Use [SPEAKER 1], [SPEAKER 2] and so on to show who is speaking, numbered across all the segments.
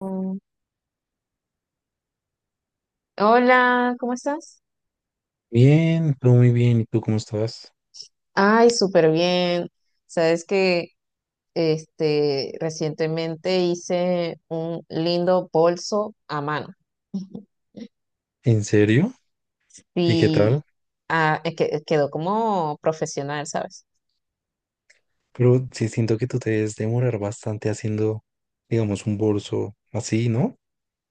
[SPEAKER 1] Mm, Hola, ¿cómo estás?
[SPEAKER 2] Bien, todo muy bien. ¿Y tú cómo estás?
[SPEAKER 1] Ay, súper bien. Sabes que recientemente hice un lindo bolso a mano.
[SPEAKER 2] ¿En serio? ¿Y qué
[SPEAKER 1] Y
[SPEAKER 2] tal?
[SPEAKER 1] es que quedó como profesional, ¿sabes?
[SPEAKER 2] Pero sí siento que tú te debes demorar bastante haciendo, digamos, un bolso así, ¿no?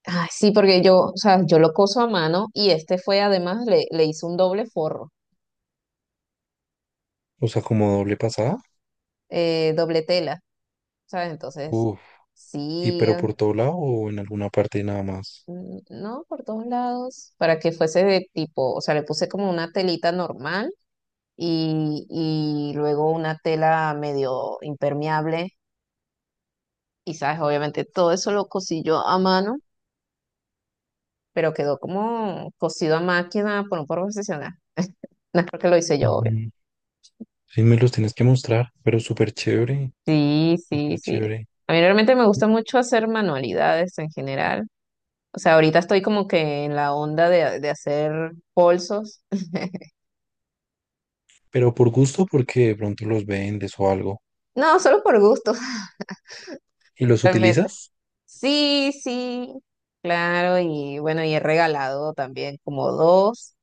[SPEAKER 1] Ay, sí, porque yo, o sea, yo lo coso a mano y este fue además, le hice un doble forro,
[SPEAKER 2] O sea, como doble pasada.
[SPEAKER 1] doble tela, ¿sabes? Entonces,
[SPEAKER 2] Uf. ¿Y
[SPEAKER 1] sí,
[SPEAKER 2] pero por todo lado o en alguna parte nada más?
[SPEAKER 1] mm, no, por todos lados, para que fuese de tipo, o sea, le puse como una telita normal y luego una tela medio impermeable y sabes, obviamente todo eso lo cosí yo a mano, pero quedó como cosido a máquina por un profesional. No es porque lo hice yo, obvio.
[SPEAKER 2] Ujú. Sí, me los tienes que mostrar, pero súper chévere,
[SPEAKER 1] Sí, sí,
[SPEAKER 2] súper
[SPEAKER 1] sí.
[SPEAKER 2] chévere.
[SPEAKER 1] A mí realmente me gusta mucho hacer manualidades en general. O sea, ahorita estoy como que en la onda de hacer bolsos.
[SPEAKER 2] Pero por gusto, porque de pronto los vendes o algo.
[SPEAKER 1] No, solo por gusto,
[SPEAKER 2] ¿Y los
[SPEAKER 1] realmente.
[SPEAKER 2] utilizas?
[SPEAKER 1] Sí, sí, claro. Y bueno, y he regalado también como dos.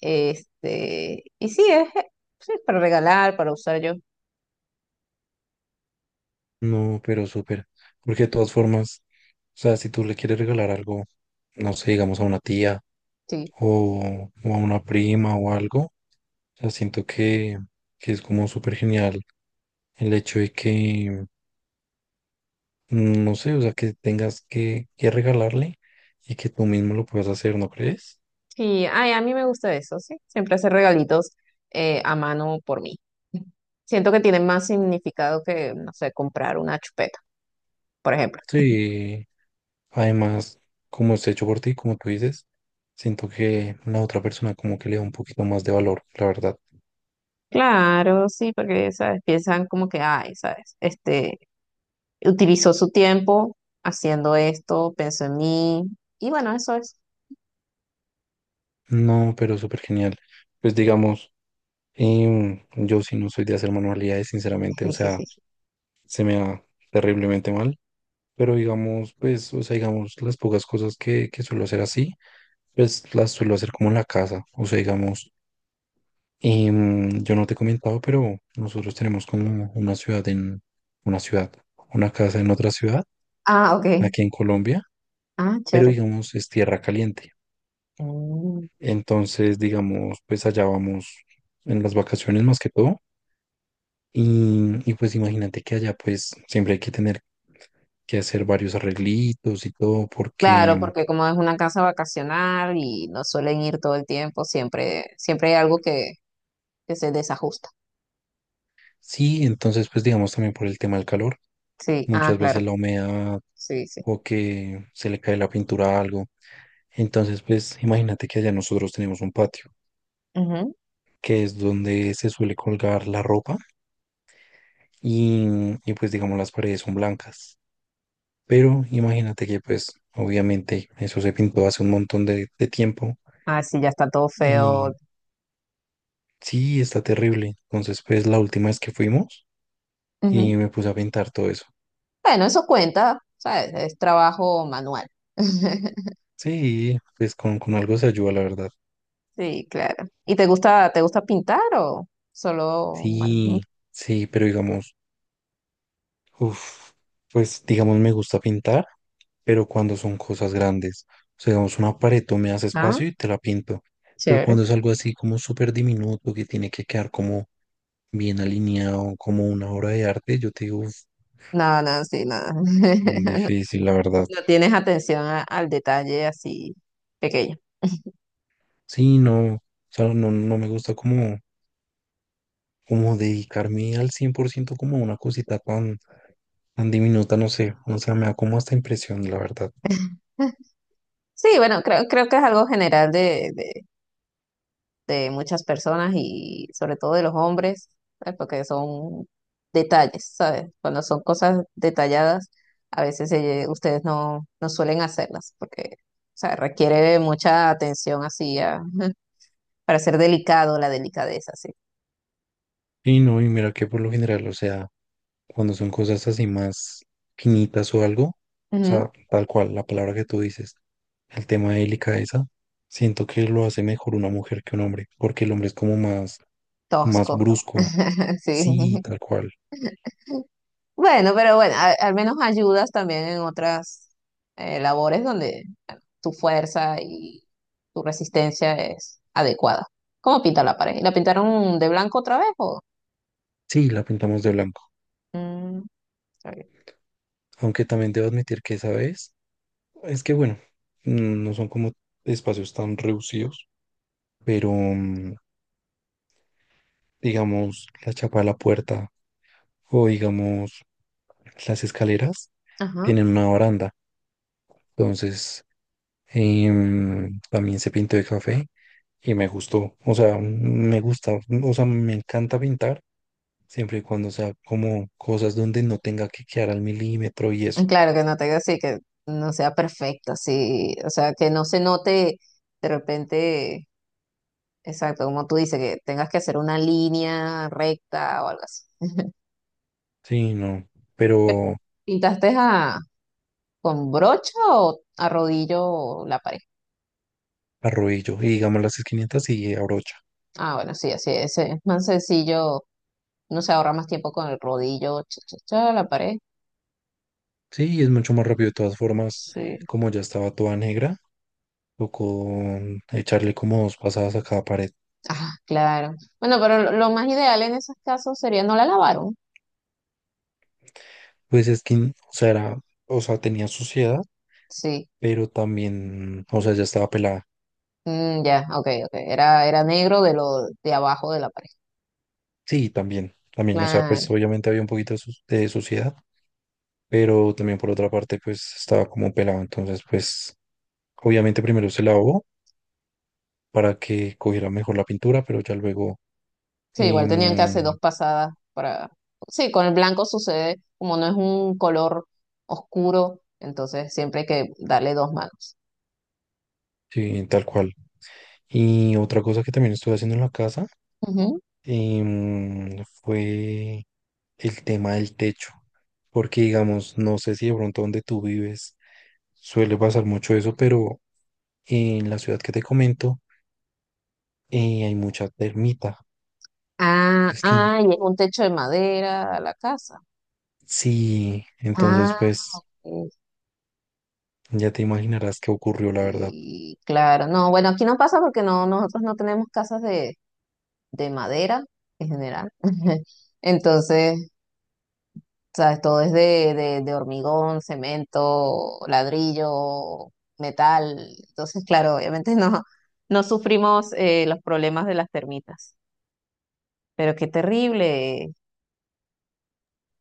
[SPEAKER 1] Este, y sí, es para regalar, para usar yo.
[SPEAKER 2] No, pero súper. Porque de todas formas, o sea, si tú le quieres regalar algo, no sé, digamos a una tía
[SPEAKER 1] Sí,
[SPEAKER 2] o a una prima o algo, o sea, siento que es como súper genial el hecho de que, no sé, o sea, que tengas que regalarle y que tú mismo lo puedas hacer, ¿no crees?
[SPEAKER 1] sí, ay, a mí me gusta eso, sí. Siempre hacer regalitos a mano por mí. Siento que tiene más significado que, no sé, comprar una chupeta, por ejemplo.
[SPEAKER 2] Sí, además, como es hecho por ti, como tú dices, siento que la otra persona como que le da un poquito más de valor, la verdad.
[SPEAKER 1] Claro, sí, porque, ¿sabes? Piensan como que, ay, ¿sabes? Este, utilizó su tiempo haciendo esto, pensó en mí, y bueno, eso es.
[SPEAKER 2] No, pero súper genial. Pues digamos. Y yo sí no soy de hacer manualidades, sinceramente, o sea, se me da terriblemente mal, pero digamos, pues, o sea, digamos, las pocas cosas que suelo hacer así, pues las suelo hacer como en la casa, o sea, digamos, yo no te he comentado, pero nosotros tenemos como una ciudad en, una ciudad, una casa en otra ciudad,
[SPEAKER 1] Ah, ok.
[SPEAKER 2] aquí en Colombia,
[SPEAKER 1] Ah,
[SPEAKER 2] pero
[SPEAKER 1] chévere.
[SPEAKER 2] digamos, es tierra caliente.
[SPEAKER 1] Mm.
[SPEAKER 2] Entonces, digamos, pues allá vamos en las vacaciones más que todo. Y pues imagínate que allá pues siempre hay que tener que hacer varios arreglitos y todo
[SPEAKER 1] Claro,
[SPEAKER 2] porque
[SPEAKER 1] porque como es una casa vacacional y no suelen ir todo el tiempo, siempre, siempre hay algo que se desajusta.
[SPEAKER 2] sí, entonces pues digamos también por el tema del calor,
[SPEAKER 1] Sí, ah,
[SPEAKER 2] muchas
[SPEAKER 1] claro,
[SPEAKER 2] veces la humedad
[SPEAKER 1] sí, sí.
[SPEAKER 2] o que se le cae la pintura a algo. Entonces pues imagínate que allá nosotros tenemos un patio
[SPEAKER 1] Ujú.
[SPEAKER 2] que es donde se suele colgar la ropa y, y pues digamos las paredes son blancas. Pero imagínate que pues obviamente eso se pintó hace un montón de tiempo.
[SPEAKER 1] Ah, sí, ya está todo feo.
[SPEAKER 2] Y sí, está terrible. Entonces, pues la última vez que fuimos
[SPEAKER 1] Ujú.
[SPEAKER 2] y me puse a pintar todo eso.
[SPEAKER 1] Bueno, eso cuenta, ¿sabes? Es trabajo manual.
[SPEAKER 2] Sí, pues con algo se ayuda, la verdad.
[SPEAKER 1] Sí, claro. ¿Y te gusta pintar o solo, bueno, ujú.
[SPEAKER 2] Sí, sí, pero digamos, uf, pues digamos me gusta pintar, pero cuando son cosas grandes. O sea, digamos, una pared, tú me das
[SPEAKER 1] Ah,
[SPEAKER 2] espacio y te la pinto. Pero
[SPEAKER 1] chévere.
[SPEAKER 2] cuando es algo así como súper diminuto, que tiene que quedar como bien alineado, como una obra de arte, yo te digo, uf,
[SPEAKER 1] No, no, sí, no.
[SPEAKER 2] difícil, la verdad.
[SPEAKER 1] No tienes atención a- al detalle así pequeño.
[SPEAKER 2] Sí, no, o sea, no, no me gusta como como dedicarme al 100% como a una cosita tan, tan diminuta, no sé, o sea, me da como hasta impresión, la verdad.
[SPEAKER 1] Sí, bueno, creo que es algo general de de muchas personas y sobre todo de los hombres, ¿sabes? Porque son detalles, ¿sabes? Cuando son cosas detalladas, a veces ustedes no, no suelen hacerlas porque, o sea, requiere mucha atención así a- para ser delicado, la delicadeza, sí.
[SPEAKER 2] Y no, y mira que por lo general, o sea, cuando son cosas así más finitas o algo, o
[SPEAKER 1] Ujú.
[SPEAKER 2] sea, tal cual, la palabra que tú dices, el tema de delicadeza, siento que lo hace mejor una mujer que un hombre, porque el hombre es como más, más
[SPEAKER 1] Tosco.
[SPEAKER 2] brusco, sí,
[SPEAKER 1] Sí.
[SPEAKER 2] tal cual,
[SPEAKER 1] Bueno, pero bueno, a- al menos ayudas también en otras labores donde tu fuerza y tu resistencia es adecuada. ¿Cómo pinta la pared? ¿La pintaron de blanco otra vez o?
[SPEAKER 2] sí, la pintamos de blanco,
[SPEAKER 1] Mm, está bien.
[SPEAKER 2] aunque también debo admitir que esa vez es que bueno, no son como espacios tan reducidos, pero digamos la chapa de la puerta o digamos las escaleras
[SPEAKER 1] Ajá.
[SPEAKER 2] tienen una baranda. Entonces también se pintó de café y me gustó. O sea, me gusta, o sea, me encanta pintar siempre y cuando sea como cosas donde no tenga que quedar al milímetro y eso.
[SPEAKER 1] Claro que no te así que no sea perfecta, sí, o sea, que no se note de repente, exacto, como tú dices, que tengas que hacer una línea recta o algo así.
[SPEAKER 2] Sí, no,
[SPEAKER 1] Pero,
[SPEAKER 2] pero
[SPEAKER 1] ¿Pintaste a con brocha o a rodillo la pared?
[SPEAKER 2] arrodillo y digamos las esquinitas y abrocho.
[SPEAKER 1] Ah, bueno, sí, así es más sencillo, no se ahorra más tiempo con el rodillo, cha, cha, cha, la pared.
[SPEAKER 2] Sí, es mucho más rápido de todas formas,
[SPEAKER 1] Sí.
[SPEAKER 2] como ya estaba toda negra, o con echarle como dos pasadas a cada pared.
[SPEAKER 1] Ah, claro. Bueno, pero lo más ideal en esos casos sería no la lavaron.
[SPEAKER 2] Pues es que, o sea, era, o sea, tenía suciedad,
[SPEAKER 1] Sí.
[SPEAKER 2] pero también, o sea, ya estaba pelada.
[SPEAKER 1] Mm, ya, ok, ok. Era, era negro de lo de abajo de la pared.
[SPEAKER 2] Sí, también, también, o sea,
[SPEAKER 1] Claro.
[SPEAKER 2] pues obviamente había un poquito de, su- de suciedad, pero también por otra parte, pues estaba como pelado. Entonces, pues, obviamente primero se lavó para que cogiera mejor la pintura, pero ya luego,
[SPEAKER 1] Sí, igual tenían que hacer
[SPEAKER 2] em,
[SPEAKER 1] dos pasadas para. Sí, con el blanco sucede, como no es un color oscuro, entonces siempre hay que darle dos manos.
[SPEAKER 2] sí, tal cual. Y otra cosa que también estuve haciendo en la casa
[SPEAKER 1] Ujú.
[SPEAKER 2] fue el tema del techo, porque digamos, no sé si de pronto donde tú vives suele pasar mucho eso, pero en la ciudad que te comento hay mucha termita.
[SPEAKER 1] Ah,
[SPEAKER 2] Es que
[SPEAKER 1] ah, y es un techo de madera a la casa.
[SPEAKER 2] sí, entonces
[SPEAKER 1] Ah,
[SPEAKER 2] pues ya te imaginarás qué ocurrió, la verdad.
[SPEAKER 1] y claro. No, bueno, aquí no pasa porque no, nosotros no tenemos casas de madera en general. Entonces, sabes, todo es de hormigón, cemento, ladrillo, metal. Entonces, claro, obviamente no, no sufrimos los problemas de las termitas. Pero qué terrible.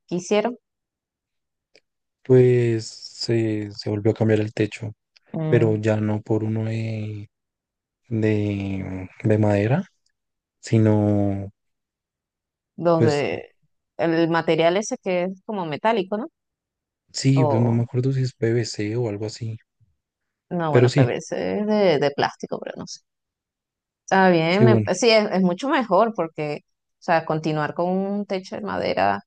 [SPEAKER 1] ¿Qué hicieron?
[SPEAKER 2] Pues se volvió a cambiar el techo, pero
[SPEAKER 1] Mm,
[SPEAKER 2] ya no por uno de madera sino
[SPEAKER 1] los
[SPEAKER 2] pues
[SPEAKER 1] de el material ese que es como metálico, ¿no?
[SPEAKER 2] sí, pues no
[SPEAKER 1] O
[SPEAKER 2] me acuerdo si es PVC o algo así,
[SPEAKER 1] no,
[SPEAKER 2] pero
[SPEAKER 1] bueno,
[SPEAKER 2] sí,
[SPEAKER 1] PVC es de plástico, pero no sé. Está bien,
[SPEAKER 2] sí, bueno,
[SPEAKER 1] me- sí, es mucho mejor porque, o sea, continuar con un techo de madera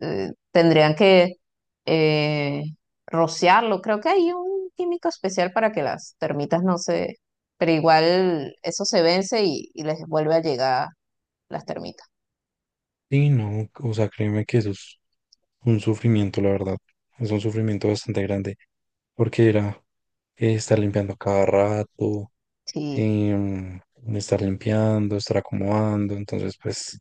[SPEAKER 1] tendrían que eh, rociarlo. Creo que hay un químico especial para que las termitas no se... Pero igual eso se vence y les vuelve a llegar las termitas.
[SPEAKER 2] sí, no, o sea, créeme que eso es un sufrimiento, la verdad, es un sufrimiento bastante grande, porque era estar limpiando cada rato,
[SPEAKER 1] Sí,
[SPEAKER 2] em, estar limpiando, estar acomodando, entonces pues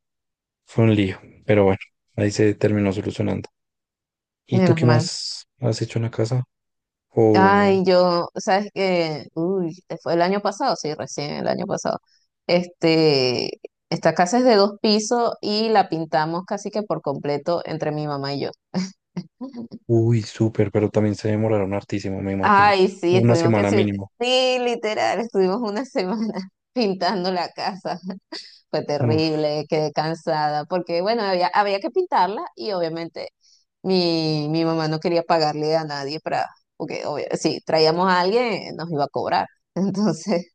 [SPEAKER 2] fue un lío, pero bueno, ahí se terminó solucionando. ¿Y tú
[SPEAKER 1] menos
[SPEAKER 2] qué
[SPEAKER 1] mal.
[SPEAKER 2] más has hecho en la casa? O,
[SPEAKER 1] Ay, yo, ¿sabes que Uy, fue el año pasado, sí, recién el año pasado. Este, esta casa es de dos pisos y la pintamos casi que por completo entre mi mamá y yo.
[SPEAKER 2] uy, súper, pero también se demoraron hartísimo, me imagino,
[SPEAKER 1] Ay, sí,
[SPEAKER 2] una
[SPEAKER 1] estuvimos que
[SPEAKER 2] semana
[SPEAKER 1] sí,
[SPEAKER 2] mínimo.
[SPEAKER 1] sí, literal, estuvimos una semana pintando la casa. Fue
[SPEAKER 2] Uf.
[SPEAKER 1] terrible, quedé cansada, porque bueno, había que pintarla y obviamente mi mamá no quería pagarle a nadie para, porque obvio, si traíamos a alguien nos iba a cobrar. Entonces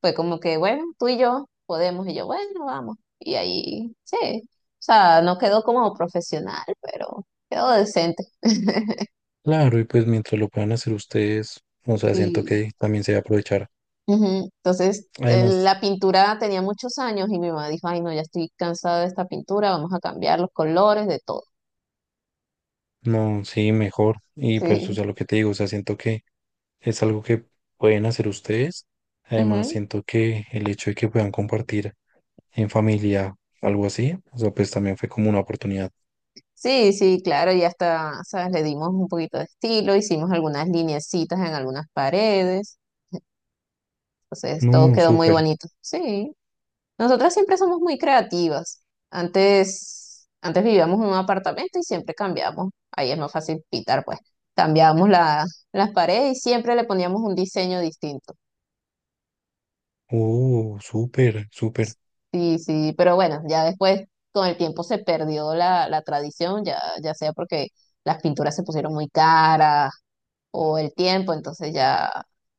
[SPEAKER 1] fue como que, bueno, tú y yo podemos, y yo, bueno, vamos. Y ahí, sí, o sea, no quedó como profesional, pero quedó decente.
[SPEAKER 2] Claro, y pues mientras lo puedan hacer ustedes, o sea, siento
[SPEAKER 1] Sí.
[SPEAKER 2] que también se va a aprovechar.
[SPEAKER 1] Ujú. Entonces,
[SPEAKER 2] Además,
[SPEAKER 1] la pintura tenía muchos años y mi mamá dijo, ay, no, ya estoy cansada de esta pintura, vamos a cambiar los colores, de todo.
[SPEAKER 2] no, sí, mejor. Y pues, o
[SPEAKER 1] Sí,
[SPEAKER 2] sea, lo que te digo, o sea, siento que es algo que pueden hacer ustedes. Además,
[SPEAKER 1] ujú.
[SPEAKER 2] siento que el hecho de que puedan compartir en familia algo así, o sea, pues también fue como una oportunidad.
[SPEAKER 1] Sí, sí, claro, y hasta, ¿sabes? Le dimos un poquito de estilo, hicimos algunas lineecitas en algunas paredes, entonces todo
[SPEAKER 2] No,
[SPEAKER 1] quedó muy
[SPEAKER 2] súper,
[SPEAKER 1] bonito. Sí, nosotras siempre somos muy creativas. Antes, antes vivíamos en un apartamento y siempre cambiábamos, ahí es más fácil pintar, pues, cambiábamos la- las paredes y siempre le poníamos un diseño distinto.
[SPEAKER 2] oh, súper, súper.
[SPEAKER 1] Sí, sí, pero bueno, ya después con el tiempo se perdió la tradición, ya, ya sea porque las pinturas se pusieron muy caras o el tiempo, entonces ya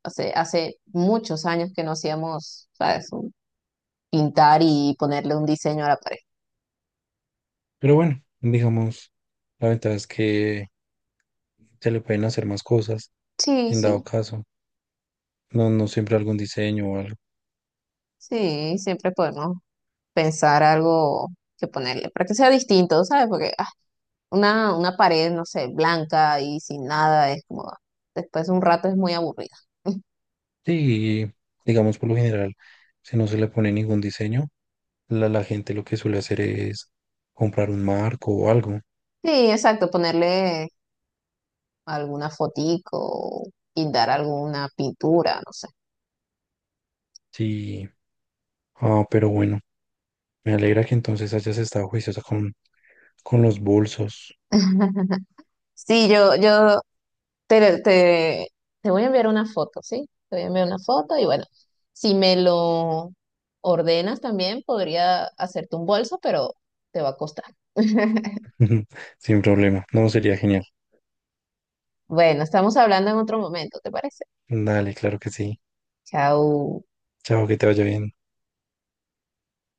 [SPEAKER 1] hace muchos años que no hacíamos, ¿sabes? Un- Pintar y ponerle un diseño a la pared.
[SPEAKER 2] Pero bueno, digamos, la ventaja es que se le pueden hacer más cosas
[SPEAKER 1] Sí,
[SPEAKER 2] en
[SPEAKER 1] sí,
[SPEAKER 2] dado caso. No, no siempre algún diseño o algo.
[SPEAKER 1] sí, siempre podemos pensar algo que ponerle para que sea distinto, ¿sabes? Porque ah, una pared, no sé, blanca y sin nada es como, ah, después de un rato es muy aburrida.
[SPEAKER 2] Sí, digamos por lo general, si no se le pone ningún diseño, la gente lo que suele hacer es comprar un marco o algo.
[SPEAKER 1] Sí, exacto, ponerle alguna fotico, o pintar alguna pintura, no sé.
[SPEAKER 2] Sí, ah, pero bueno, me alegra que entonces hayas estado juiciosa con los bolsos.
[SPEAKER 1] Sí, yo te, te, te voy a enviar una foto, ¿sí? Te voy a enviar una foto y bueno, si me lo ordenas también, podría hacerte un bolso, pero te va a costar.
[SPEAKER 2] Sin problema, no, sería genial.
[SPEAKER 1] Bueno, estamos hablando en otro momento, ¿te parece?
[SPEAKER 2] Dale, claro que sí.
[SPEAKER 1] Chao.
[SPEAKER 2] Chao, que te vaya bien.